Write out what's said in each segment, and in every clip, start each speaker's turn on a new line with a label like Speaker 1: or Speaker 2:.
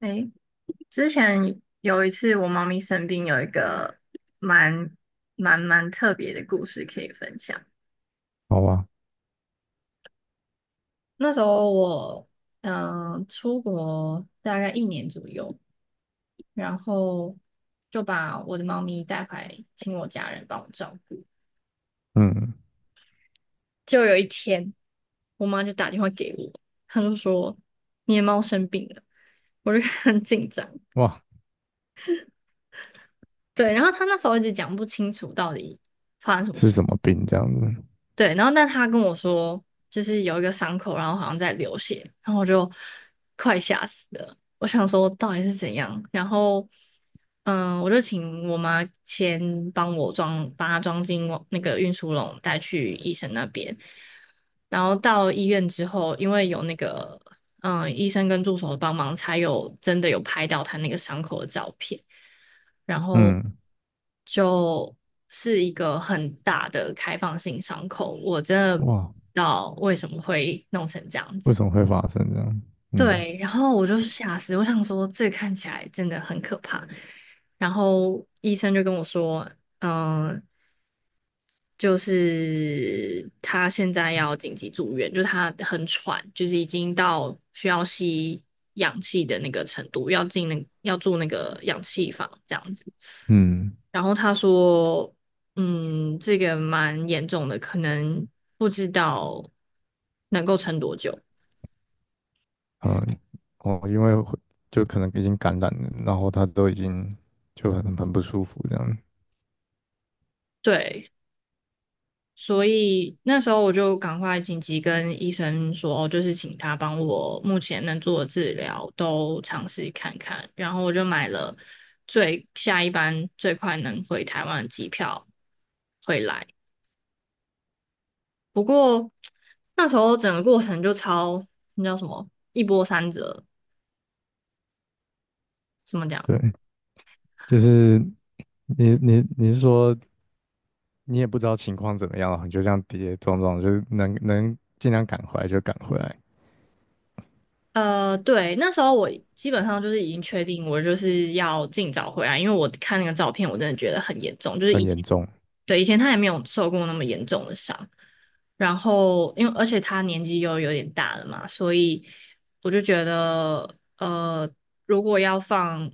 Speaker 1: 诶，之前有一次我猫咪生病，有一个蛮蛮特别的故事可以分享。
Speaker 2: 好吧，
Speaker 1: 那时候我出国大概一年左右，然后就把我的猫咪带回来，请我家人帮我照顾。
Speaker 2: 嗯，
Speaker 1: 就有一天，我妈就打电话给我，她就说你的猫生病了，我就 很紧张。
Speaker 2: 哇，
Speaker 1: 对，然后她那时候一直讲不清楚到底
Speaker 2: 是什么病这样子？
Speaker 1: 对，然后但他跟我说，就是有一个伤口，然后好像在流血，然后我就快吓死了。我想说到底是怎样，然后我就请我妈先帮我装，把它装进我那个运输笼带去医生那边。然后到医院之后，因为有那个医生跟助手的帮忙，才有真的有拍到他那个伤口的照片，然后
Speaker 2: 嗯，
Speaker 1: 就是一个很大的开放性伤口，我真的不知
Speaker 2: 哇，
Speaker 1: 道为什么会弄成这样
Speaker 2: 为
Speaker 1: 子。
Speaker 2: 什么会发生这样？嗯
Speaker 1: 对，然后我就吓死，我想说这看起来真的很可怕。然后医生就跟我说，嗯、就是他现在要紧急住院，就他很喘，就是已经到需要吸氧气的那个程度，要住那个氧气房这样子。
Speaker 2: 嗯
Speaker 1: 然后他说，这个蛮严重的，可能不知道能够撑多久。
Speaker 2: 嗯，哦，因为会就可能已经感染了，然后他都已经就很不舒服这样。
Speaker 1: 对。所以那时候我就赶快紧急跟医生说，哦就是请他帮我目前能做的治疗都尝试看看。然后我就买了下一班最快能回台湾的机票回来。不过那时候整个过程那叫什么一波三折，怎么讲？
Speaker 2: 对，就是你是说你也不知道情况怎么样，你就这样跌跌撞撞，就是能尽量赶回来就赶回来，
Speaker 1: 对，那时候我基本上就是已经确定，我就是要尽早回来，因为我看那个照片，我真的觉得很严重，就是
Speaker 2: 很
Speaker 1: 以前，
Speaker 2: 严重，
Speaker 1: 对，以前他也没有受过那么严重的伤，然后而且他年纪又有点大了嘛，所以我就觉得，呃，如果要放，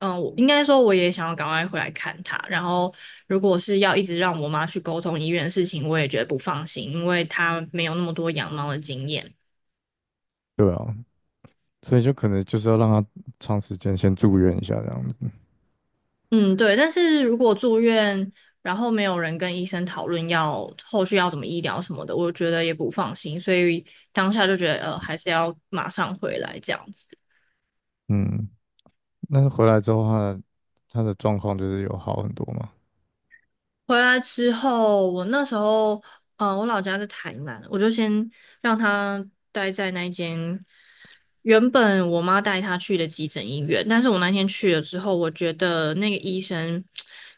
Speaker 1: 我应该说我也想要赶快回来看他，然后如果是要一直让我妈去沟通医院的事情，我也觉得不放心，因为她没有那么多养猫的经验。
Speaker 2: 对啊，所以就可能就是要让他长时间先住院一下这样子。
Speaker 1: 嗯，对，但是如果住院，然后没有人跟医生讨论要后续要怎么医疗什么的，我觉得也不放心，所以当下就觉得，还是要马上回来这样子。
Speaker 2: 嗯，那回来之后他的状况就是有好很多嘛，
Speaker 1: 回来之后，我那时候，我老家在台南，我就先让他待在那一间原本我妈带他去的急诊医院，但是我那天去了之后，我觉得那个医生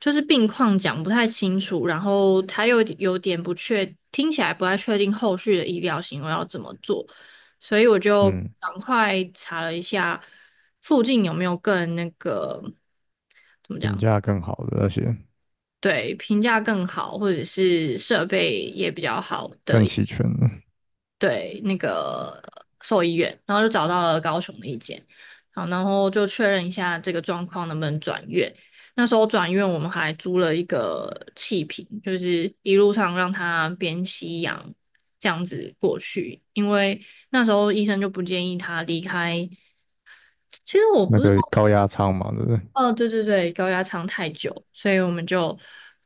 Speaker 1: 就是病况讲不太清楚，然后他又有点不确，听起来不太确定后续的医疗行为要怎么做，所以我就
Speaker 2: 嗯，
Speaker 1: 赶快查了一下附近有没有更那个。怎么
Speaker 2: 评
Speaker 1: 讲？
Speaker 2: 价更好的那些
Speaker 1: 对，评价更好，或者是设备也比较好的，
Speaker 2: 更齐全的
Speaker 1: 对，那个兽医院，然后就找到了高雄的一间，好，然后就确认一下这个状况能不能转院。那时候转院，我们还租了一个气瓶，就是一路上让他边吸氧这样子过去，因为那时候医生就不建议他离开。其实我不
Speaker 2: 那
Speaker 1: 知
Speaker 2: 个
Speaker 1: 道
Speaker 2: 高压舱嘛，对不对？
Speaker 1: 哦，对对对，高压舱太久，所以我们就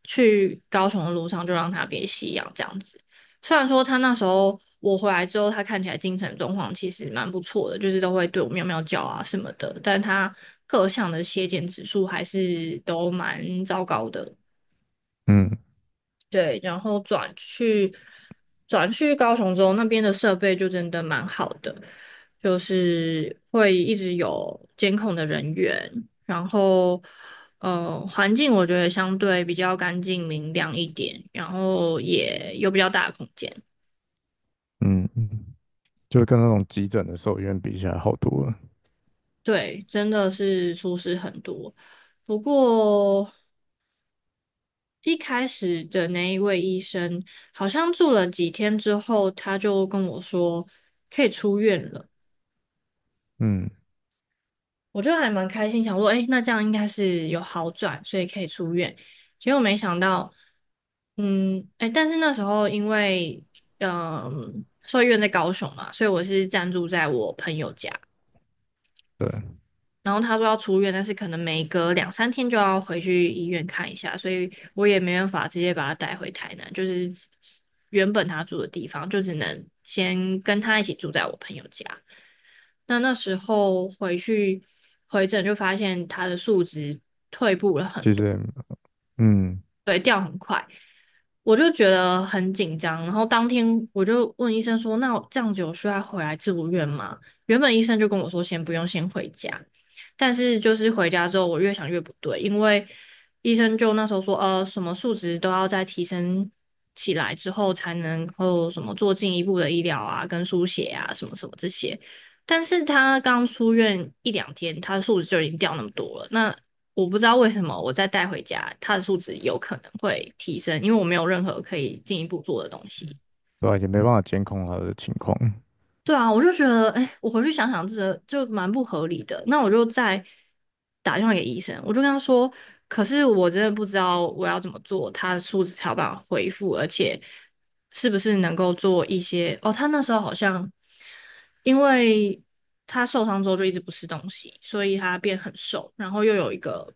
Speaker 1: 去高雄的路上就让他别吸氧这样子。虽然说他那时候我回来之后，他看起来精神状况其实蛮不错的，就是都会对我喵喵叫啊什么的，但他各项的血检指数还是都蛮糟糕的。
Speaker 2: 嗯
Speaker 1: 对，然后转去高雄之后，那边的设备就真的蛮好的，就是会一直有监控的人员，然后环境我觉得相对比较干净明亮一点，然后也有比较大的空间，
Speaker 2: 嗯嗯，就跟那种急诊的兽医院比起来好多了。
Speaker 1: 对，真的是舒适很多。不过一开始的那一位医生好像住了几天之后，他就跟我说可以出院了。
Speaker 2: 嗯，
Speaker 1: 我就还蛮开心，想说，哎，那这样应该是有好转，所以可以出院。结果没想到，哎，但是那时候因为，兽医院在高雄嘛，所以我是暂住在我朋友家。
Speaker 2: 对，
Speaker 1: 然后他说要出院，但是可能每隔两三天就要回去医院看一下，所以我也没办法直接把他带回台南，就是原本他住的地方，就只能先跟他一起住在我朋友家。那那时候回去回诊就发现他的数值
Speaker 2: 其实也嗯
Speaker 1: 我就觉得很紧张，然后当天我就问医生说：“那我这样子有需要回来住院吗？”原本医生就跟我说先不用，先回家。但是就是回家之后，我越想越不对，因为医生就那时候说：“呃，什么数值都要再提升起来之后，才能够什么做进一步的医疗啊，跟输血啊，什么什么这些。”但是他刚出院一两天，他的数值就已经掉那么多了，那我不知道为什么我再带回家，他的数值有可能会提升，因为我没有任何可以进一步做的东西。
Speaker 2: 对啊，也没办法监控他的情况，
Speaker 1: 对啊，我就觉得，哎，我回去想想，这就蛮不合理的。那我就再打电话给医生，我就跟他说，可是我真的不知道我要怎么做，他的数值才有办法恢复，而且是不是能够做一些。哦，他那时候好像因为他受伤之后就一直不吃东西，所以他变很瘦，然后又有一个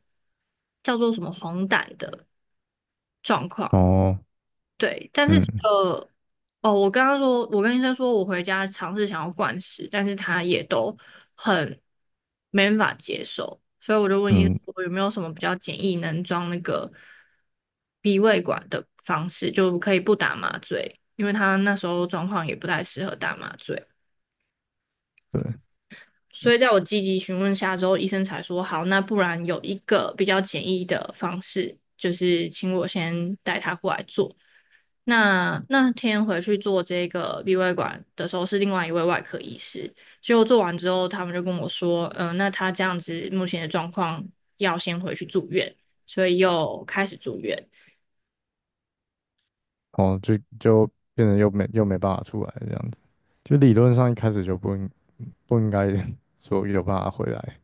Speaker 1: 叫做什么黄疸的。
Speaker 2: 哦，
Speaker 1: 对，但是
Speaker 2: 嗯
Speaker 1: 我刚刚说，我跟医生说我回家尝试想要灌食，但是他也都很没办法接受，所以我就问医生
Speaker 2: 嗯
Speaker 1: 我有没有什么比较简易能装那个鼻胃管的方式，就可以不打麻醉，因为他那时候状况也不太适合打麻醉，
Speaker 2: 对，
Speaker 1: 所以在我积极询问下之后，医生才说好，那不然有一个比较简易的方式，就是请我先带他过来做。那那天回去做这个鼻胃管的时候，是另外一位外科医师。结果做完之后，他们就跟我说，那他这样子目前的状况要先回去住院，所以又开始住院。
Speaker 2: 哦，就变成又没办法出来这样子，就理论上一开始就不应该 说有办法回来，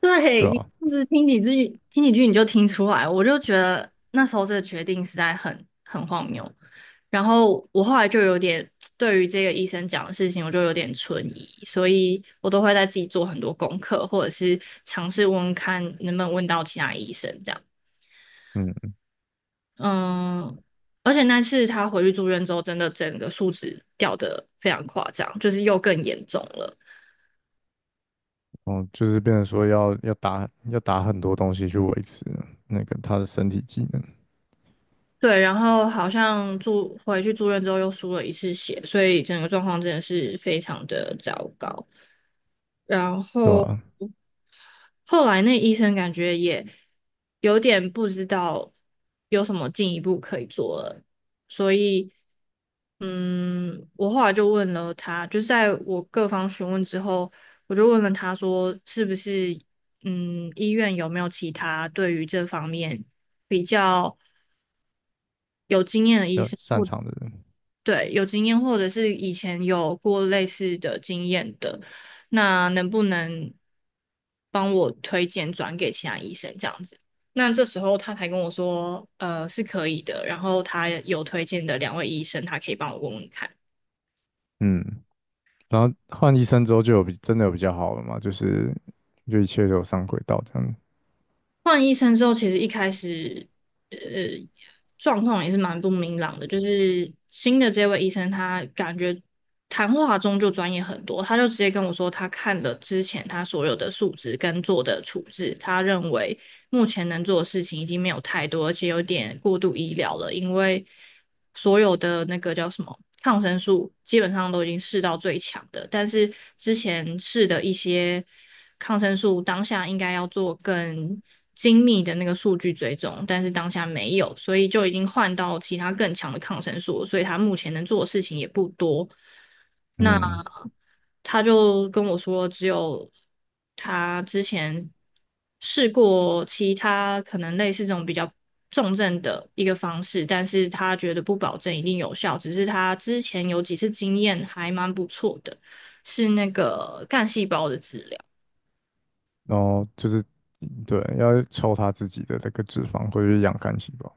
Speaker 1: 对，
Speaker 2: 对
Speaker 1: 你这
Speaker 2: 啊，
Speaker 1: 样子听几句，听几句你就听出来，我就觉得那时候这个决定实在很荒谬。然后我后来就有点 对于这个医生讲的事情，我就有点存疑，所以我都会在自己做很多功课，或者是尝试问问看能不能问到其他医生这样。
Speaker 2: 嗯，
Speaker 1: 嗯，而且那次他回去住院之后，真的整个数值掉的非常夸张，就是又更严重了。
Speaker 2: 哦，就是变成说要打很多东西去维持那个他的身体机能，
Speaker 1: 对，然后好像住回去住院之后又输了一次血，所以整个状况真的是非常的糟糕。然
Speaker 2: 对
Speaker 1: 后
Speaker 2: 吧、
Speaker 1: 后来那医生感觉也有点不知道有什么进一步可以做了，所以我后来就问了他，就在我各方询问之后，我就问了他说，是不是医院有没有其他对于这方面比较有经验的医
Speaker 2: 要
Speaker 1: 生？
Speaker 2: 擅
Speaker 1: 或。
Speaker 2: 长的人，
Speaker 1: 对，有经验或者是以前有过类似的经验的，那能不能帮我推荐转给其他医生这样子？那这时候他才跟我说，是可以的，然后他有推荐的两位医生，他可以帮我问问看。
Speaker 2: 嗯，然后换医生之后就真的有比较好了嘛，就是就一切都有上轨道这样子
Speaker 1: 换医生之后，其实一开始，呃，状况也是蛮不明朗的。就是新的这位医生，他感觉谈话中就专业很多，他就直接跟我说，他看了之前他所有的数值跟做的处置，他认为目前能做的事情已经没有太多，而且有点过度医疗了，因为所有的那个叫什么抗生素基本上都已经试到最强的，但是之前试的一些抗生素当下应该要做更精密的那个数据追踪，但是当下没有，所以就已经换到其他更强的抗生素所以他目前能做的事情也不多。那
Speaker 2: 嗯。
Speaker 1: 他就跟我说，只有他之前试过其他可能类似这种比较重症的一个方式，但是他觉得不保证一定有效，只是他之前有几次经验还蛮不错的，是那个干细胞的治疗。
Speaker 2: 然后就是对，要抽他自己的那个脂肪或者是养肝细胞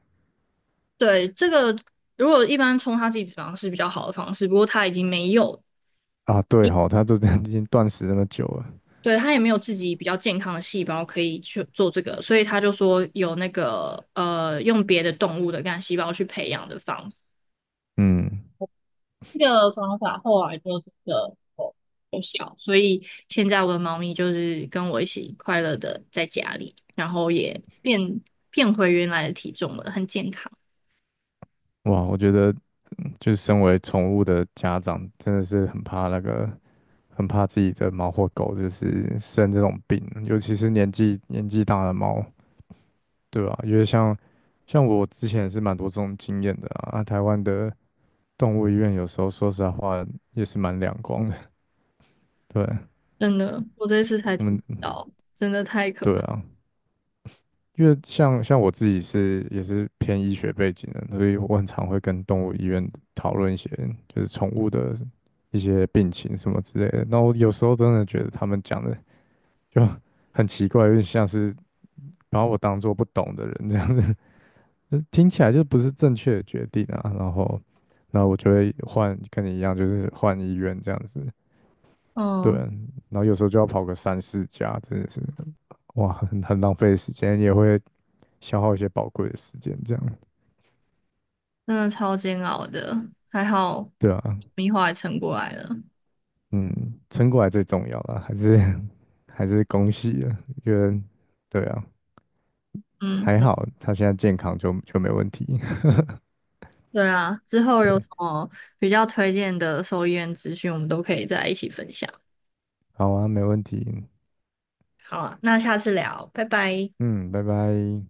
Speaker 1: 对，这个如果一般冲它自己脂肪是一直方式比较好的方式，不过他已经没有
Speaker 2: 啊。对哈、他都 已经断食那么久了，
Speaker 1: 对，他也没有自己比较健康的细胞可以去做这个，所以他就说有那个，用别的动物的干细胞去培养的方法。
Speaker 2: 嗯，
Speaker 1: 这个方法后来就真的有效，所以现在我的猫咪就是跟我一起快乐的在家里，然后也变回原来的体重了，很健康。
Speaker 2: 哇，我觉得就是身为宠物的家长，真的是很怕那个，很怕自己的猫或狗就是生这种病，尤其是年纪大的猫，对吧、因为像我之前也是蛮多这种经验的啊，啊台湾的动物医院有时候说实在话也是蛮两光的，对
Speaker 1: 真的，我这次才
Speaker 2: 我
Speaker 1: 听
Speaker 2: 们
Speaker 1: 到，真的太可
Speaker 2: 对
Speaker 1: 怕，
Speaker 2: 啊。因为像我自己也是偏医学背景的，所以我很常会跟动物医院讨论一些就是宠物的一些病情什么之类的。那我有时候真的觉得他们讲的就很奇怪，有点像是把我当做不懂的人这样子，就听起来就不是正确的决定啊。然后，那我就会换跟你一样，就是换医院这样子。对，
Speaker 1: 嗯，
Speaker 2: 然后有时候就要跑个三四家，真的是哇，很浪费时间，也会消耗一些宝贵的时间这样。
Speaker 1: 真的超煎熬的，还好，
Speaker 2: 对啊，
Speaker 1: 米花也撑过来了，
Speaker 2: 嗯，撑过来最重要了，还是 还是恭喜啊！觉得对啊，
Speaker 1: 嗯。
Speaker 2: 还好他现在健康就没问题，
Speaker 1: 对啊，之 后有
Speaker 2: 对，
Speaker 1: 什么比较推荐的兽医院资讯，我们都可以再一起分享。
Speaker 2: 好啊，没问题，
Speaker 1: 好啊，那下次聊，拜拜。
Speaker 2: 嗯，拜拜。